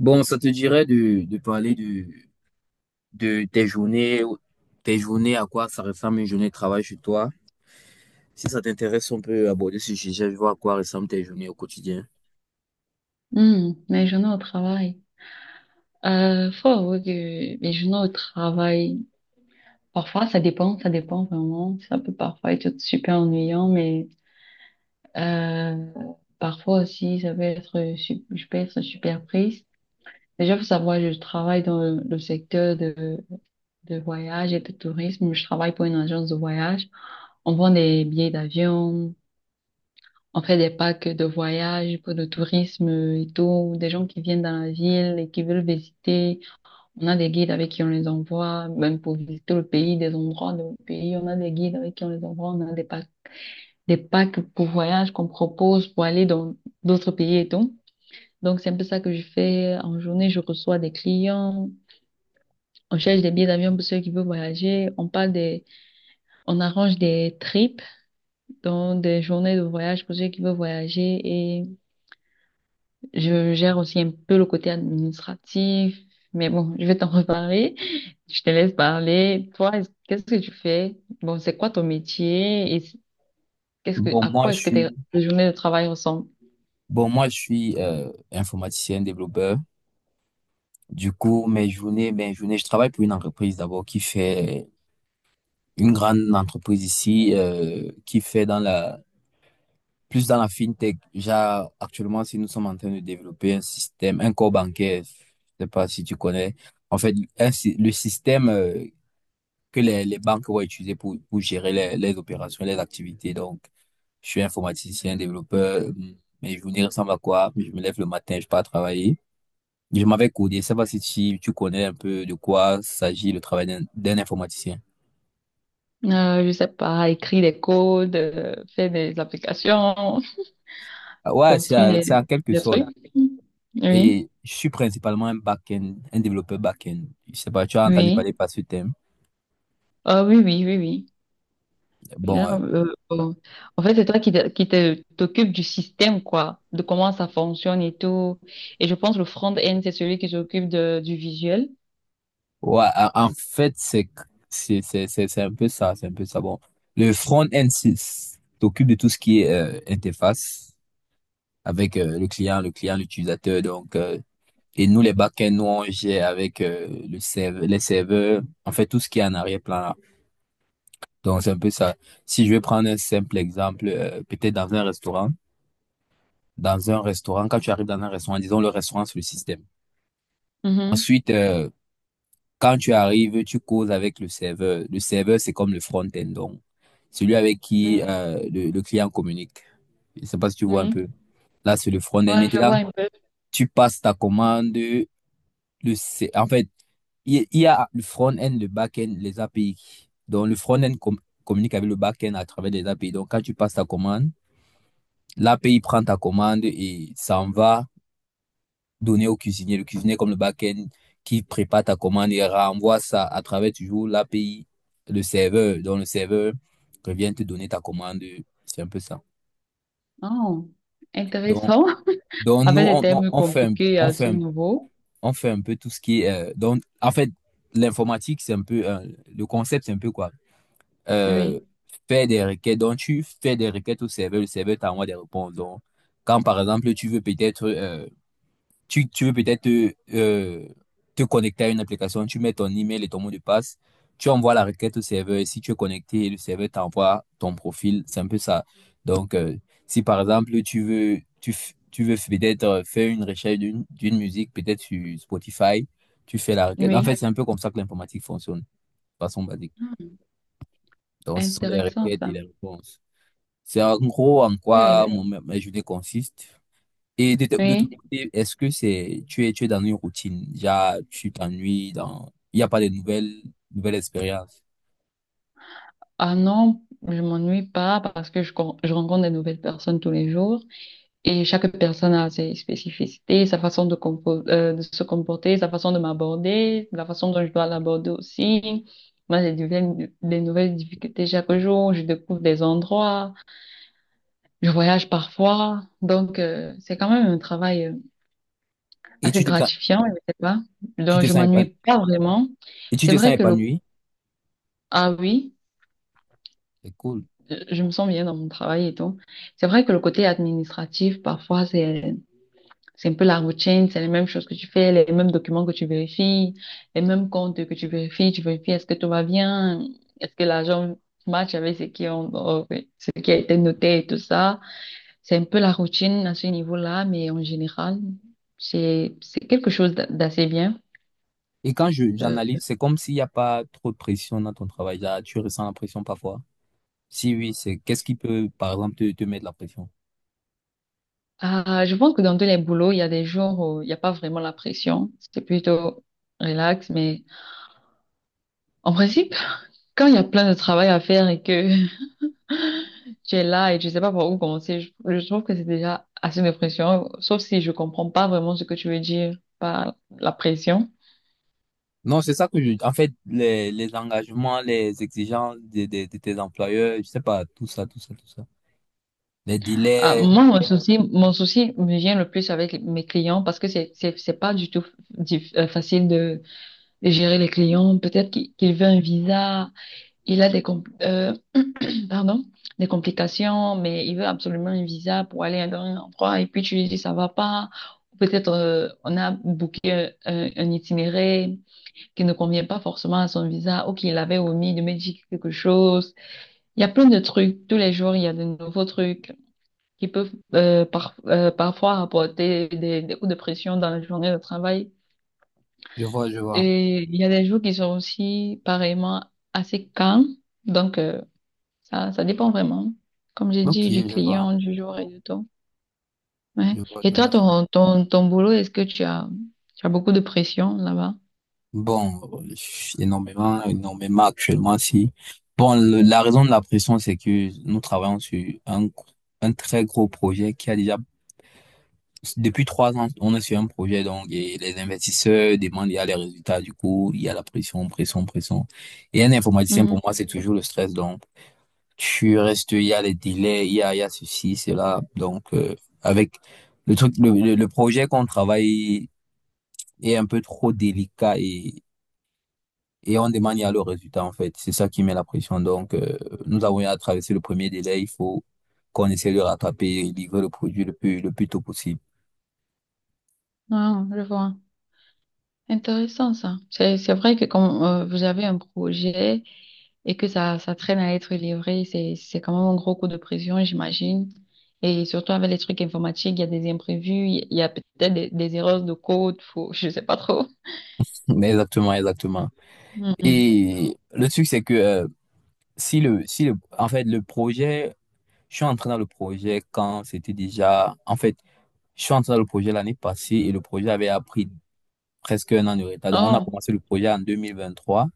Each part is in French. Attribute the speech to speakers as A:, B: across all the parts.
A: Bon, ça te dirait de parler de tes journées, à quoi ça ressemble une journée de travail chez toi? Si ça t'intéresse, on peut aborder ce sujet, voir à quoi ressemblent tes journées au quotidien.
B: Hmm, mes journées au travail. Faut avouer que mes journées au travail, parfois ça dépend vraiment. Ça peut parfois être super ennuyant, mais euh, parfois aussi ça peut être, je peux être super prise. Déjà, faut savoir, je travaille dans le secteur de voyage et de tourisme. Je travaille pour une agence de voyage. On vend des billets d'avion, on fait des packs de voyage pour le tourisme et tout, des gens qui viennent dans la ville et qui veulent visiter. On a des guides avec qui on les envoie, même pour visiter le pays, des endroits de pays. On a des guides avec qui on les envoie. On a des packs pour voyage qu'on propose pour aller dans d'autres pays et tout. Donc, c'est un peu ça que je fais en journée. Je reçois des clients. On cherche des billets d'avion pour ceux qui veulent voyager. On parle des, on arrange des trips, donc des journées de voyage pour ceux qui veulent voyager. Je gère aussi un peu le côté administratif, mais bon, je vais t'en reparler. Je te laisse parler. Toi, est qu'est-ce que tu fais? Bon, c'est quoi ton métier et qu'est-ce que,
A: Bon,
B: à
A: moi,
B: quoi est-ce que tes journées de travail ressemblent?
A: je suis informaticien, développeur. Du coup, mes journées, je travaille pour une entreprise d'abord qui fait une grande entreprise ici, qui fait dans la plus dans la fintech. Genre, actuellement, si nous sommes en train de développer un système, un corps bancaire, je sais pas si tu connais, en fait, le système que les banques vont utiliser pour gérer les opérations, les activités. Donc, je suis informaticien, développeur, mes journées ressemblent à quoi? Je me lève le matin, je pars travailler. Je m'avais codé, je sais pas si tu connais un peu de quoi s'agit le travail d'un informaticien.
B: Je sais pas, écrire des codes, faire des applications,
A: Ah Ouais, c'est
B: construire
A: en quelque
B: des
A: sorte.
B: trucs. Oui,
A: Et je suis principalement un back-end, un développeur back-end. Je sais pas, tu as entendu
B: oui.
A: parler par ce thème.
B: Ah oui, oui, oui, oui. Je-
A: Bon,
B: euh, euh, En fait, c'est toi qui t'occupes du système, quoi, de comment ça fonctionne et tout. Et je pense que le front-end, c'est celui qui s'occupe de, du visuel.
A: ouais, en fait, c'est un peu ça, c'est un peu ça. Bon, le front-end s'occupe de tout ce qui est interface avec le client, l'utilisateur. Donc, et nous les back-end, nous on gère avec le serveur, les serveurs, en fait tout ce qui est en arrière-plan là. Donc c'est un peu ça. Si je vais prendre un simple exemple, peut-être dans un restaurant. Dans un restaurant, quand tu arrives dans un restaurant, disons le restaurant, c'est le système.
B: Mhm.
A: Ensuite, quand tu arrives, tu causes avec le serveur. Le serveur, c'est comme le front-end, donc celui avec
B: Oui,
A: qui le client communique. Je sais pas si tu vois un
B: oui.
A: peu. Là, c'est le front-end.
B: Ouais, je vois
A: Maintenant,
B: un peu.
A: tu passes ta commande. En fait, il y a le front-end, le back-end, les API. Donc, le front-end communique avec le back-end à travers les API. Donc, quand tu passes ta commande, l'API prend ta commande et s'en va donner au cuisinier. Le cuisinier, comme le back-end, qui prépare ta commande et renvoie ça à travers toujours l'API, le serveur. Donc, le serveur revient te donner ta commande. C'est un peu ça.
B: Oh,
A: Donc,
B: intéressant.
A: donc, nous,
B: Avec des thèmes compliqués à ce niveau.
A: on fait un peu tout ce qui est, donc, en fait, l'informatique, c'est un peu, le concept, c'est un peu quoi? Euh,
B: Oui,
A: faire des requêtes. Donc, tu fais des requêtes au serveur. Le serveur t'envoie des réponses. Donc, quand par exemple, tu veux peut-être, te te connecter à une application, tu mets ton email et ton mot de passe, tu envoies la requête au serveur et si tu es connecté, le serveur t'envoie ton profil, c'est un peu ça. Donc, si par exemple tu veux peut-être faire une recherche d'une musique, peut-être sur Spotify, tu fais la requête. En fait,
B: oui.
A: c'est un peu comme ça que l'informatique fonctionne, de façon basique. Donc, ce sont les
B: Intéressant,
A: requêtes
B: ça.
A: et les réponses. C'est en gros en
B: Oui.
A: quoi mon, ma journée consiste. Et de ton
B: Oui.
A: côté, est-ce tu es dans une routine? Déjà, tu t'ennuies dans, il n'y a pas de nouvelles, nouvelles expériences.
B: Ah non, je m'ennuie pas parce que je rencontre des nouvelles personnes tous les jours. Et chaque personne a ses spécificités, sa façon de, de se comporter, sa façon de m'aborder, la façon dont je dois l'aborder aussi. Moi, j'ai des nouvelles difficultés chaque jour, je découvre des endroits, je voyage parfois. Donc, c'est quand même un travail
A: Et
B: assez gratifiant, je sais pas.
A: tu
B: Donc,
A: te
B: je
A: sens épanoui.
B: m'ennuie pas vraiment.
A: Et tu
B: C'est
A: te sens
B: vrai que le…
A: épanoui.
B: Ah oui,
A: C'est cool.
B: je me sens bien dans mon travail et tout. C'est vrai que le côté administratif, parfois, c'est un peu la routine, c'est les mêmes choses que tu fais, les mêmes documents que tu vérifies, les mêmes comptes que tu vérifies. Tu vérifies est-ce que tout va bien, est-ce que l'argent match avec ce qui a été noté et tout ça. C'est un peu la routine à ce niveau-là, mais en général, c'est quelque chose d'assez bien.
A: Et quand
B: Euh,
A: j'analyse, c'est comme s'il n'y a pas trop de pression dans ton travail. Déjà, tu ressens la pression parfois. Si oui, qu'est-ce qui peut, par exemple, te mettre la pression?
B: ah, je pense que dans tous les boulots, il y a des jours où il n'y a pas vraiment la pression. C'est plutôt relax, mais en principe, quand il y a plein de travail à faire et que tu es là et tu sais pas par où commencer. Je trouve que c'est déjà assez de pression, sauf si je comprends pas vraiment ce que tu veux dire par la pression.
A: Non, c'est ça que je, en fait, les engagements, les exigences de tes employeurs, je sais pas, tout ça, tout ça, tout ça. Les
B: Ah,
A: délais.
B: moi, mon souci me vient le plus avec mes clients parce que c'est pas du tout facile de gérer les clients. Peut-être qu'il veut un visa, il a des pardon, des complications, mais il veut absolument un visa pour aller dans un endroit et puis tu lui dis ça va pas. Peut-être on a booké un, un itinéraire qui ne convient pas forcément à son visa ou qu'il avait omis de modifier quelque chose. Il y a plein de trucs. Tous les jours, il y a de nouveaux trucs qui peuvent parfois apporter des coups de pression dans la journée de travail.
A: Je vois, je vois.
B: Et il y a des jours qui sont aussi pareillement assez calmes. Donc, ça, ça dépend vraiment, comme j'ai
A: Ok,
B: dit, du
A: je vois.
B: client, du jour et du temps. Ouais.
A: Je vois,
B: Et
A: je
B: toi,
A: vois.
B: ton boulot, est-ce que tu as beaucoup de pression là-bas?
A: Bon, énormément, énormément actuellement, si. Bon, la raison de la pression, c'est que nous travaillons sur un très gros projet qui a déjà, depuis 3 ans, on est sur un projet, donc, et les investisseurs demandent, il y a les résultats, du coup, il y a la pression, pression, pression. Et un informaticien,
B: Mhm.
A: pour moi, c'est toujours le stress, donc, tu restes, il y a les délais, il y a ceci, cela, donc, avec le truc, le projet qu'on travaille est un peu trop délicat et on demande il y a le résultat, en fait. C'est ça qui met la pression. Donc, nous avons eu à traverser le premier délai. Il faut qu'on essaie de rattraper et livrer le produit le plus tôt possible.
B: Ah, je vois. Intéressant ça. C'est vrai que quand vous avez un projet et que ça traîne à être livré, c'est quand même un gros coup de pression, j'imagine. Et surtout avec les trucs informatiques, il y a des imprévus, il y a peut-être des erreurs de code, faut, je sais pas trop.
A: Mais exactement, exactement.
B: Mhm.
A: Et le truc, c'est que si le, si le, en fait, le projet, je suis entré dans le projet quand c'était déjà, en fait, je suis entré dans le projet l'année passée et le projet avait appris presque un an de retard. Donc, on a
B: Oh,
A: commencé le projet en 2023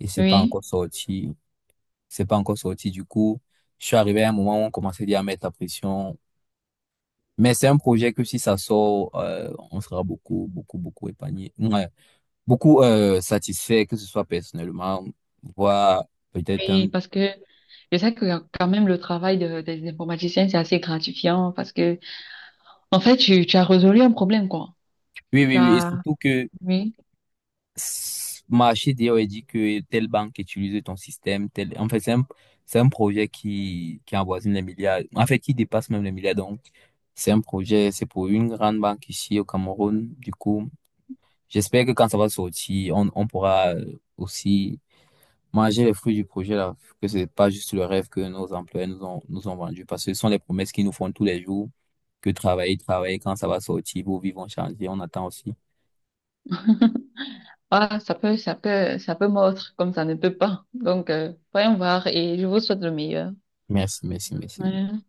A: et c'est pas
B: oui.
A: encore sorti. C'est pas encore sorti. Du coup, je suis arrivé à un moment où on commençait déjà à mettre la pression. Mais c'est un projet que si ça sort, on sera beaucoup, beaucoup, beaucoup épargné. Ouais. Beaucoup satisfait, que ce soit personnellement, voire peut-être un.
B: Oui, parce que je sais que quand même le travail des informaticiens, c'est assez gratifiant parce que, en fait, tu as résolu un problème, quoi.
A: Oui,
B: Tu
A: oui, oui. Et
B: as,
A: surtout que
B: oui,
A: marché d'ailleurs a dit que telle banque utilise ton système, tel. En fait, c'est un, projet qui avoisine les milliards. En fait, qui dépasse même les milliards. Donc, c'est un projet, c'est pour une grande banque ici au Cameroun. Du coup, j'espère que quand ça va sortir, on pourra aussi manger les fruits du projet là, que c'est pas juste le rêve que nos employés nous ont vendu, parce que ce sont les promesses qu'ils nous font tous les jours, que travailler, travailler, quand ça va sortir, vos vies vont changer, on attend aussi.
B: ah, ça peut, ça peut, ça peut mordre comme ça ne peut pas. Donc, voyons voir et je vous souhaite le meilleur.
A: Merci, merci, merci.
B: Ouais.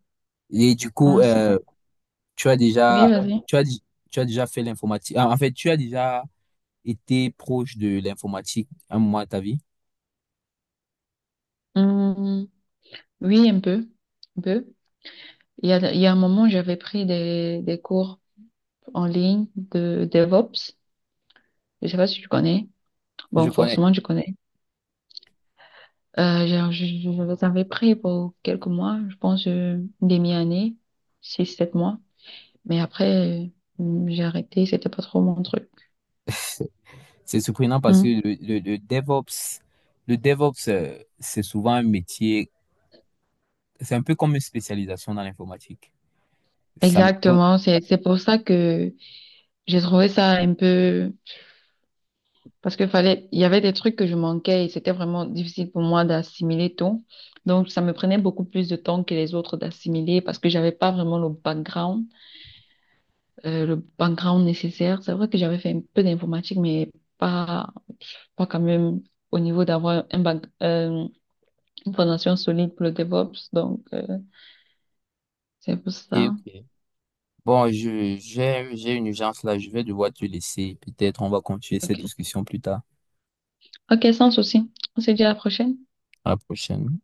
A: Et du coup,
B: Ouais, sinon-
A: tu as
B: Oui,
A: déjà,
B: vas-y.
A: tu as, di- tu as déjà fait l'informatique. Ah, en fait, tu as déjà été proche de l'informatique à un moment de ta vie.
B: Hum, oui, un peu, un peu. Il y a un moment, j'avais pris des cours en ligne de DevOps. Je sais pas si tu connais.
A: Je
B: Bon,
A: connais.
B: forcément, tu connais. Je les avais pris pour quelques mois, je pense une demi-année, six, sept mois. Mais après, j'ai arrêté, c'était pas trop mon truc.
A: C'est surprenant parce que
B: Mm.
A: le DevOps, c'est souvent un métier. C'est un peu comme une spécialisation dans l'informatique. Ça m'étonne.
B: Exactement, c'est pour ça que j'ai trouvé ça un peu parce que fallait il y avait des trucs que je manquais et c'était vraiment difficile pour moi d'assimiler tout. Donc ça me prenait beaucoup plus de temps que les autres d'assimiler parce que j'avais pas vraiment le background nécessaire. C'est vrai que j'avais fait un peu d'informatique mais pas pas quand même au niveau d'avoir une fondation solide pour le DevOps. Donc, c'est pour
A: Ok,
B: ça.
A: ok. Bon, j'ai une urgence là, je vais devoir te laisser. Peut-être on va continuer cette
B: OK.
A: discussion plus tard.
B: OK, sans souci. On se dit à la prochaine.
A: À la prochaine.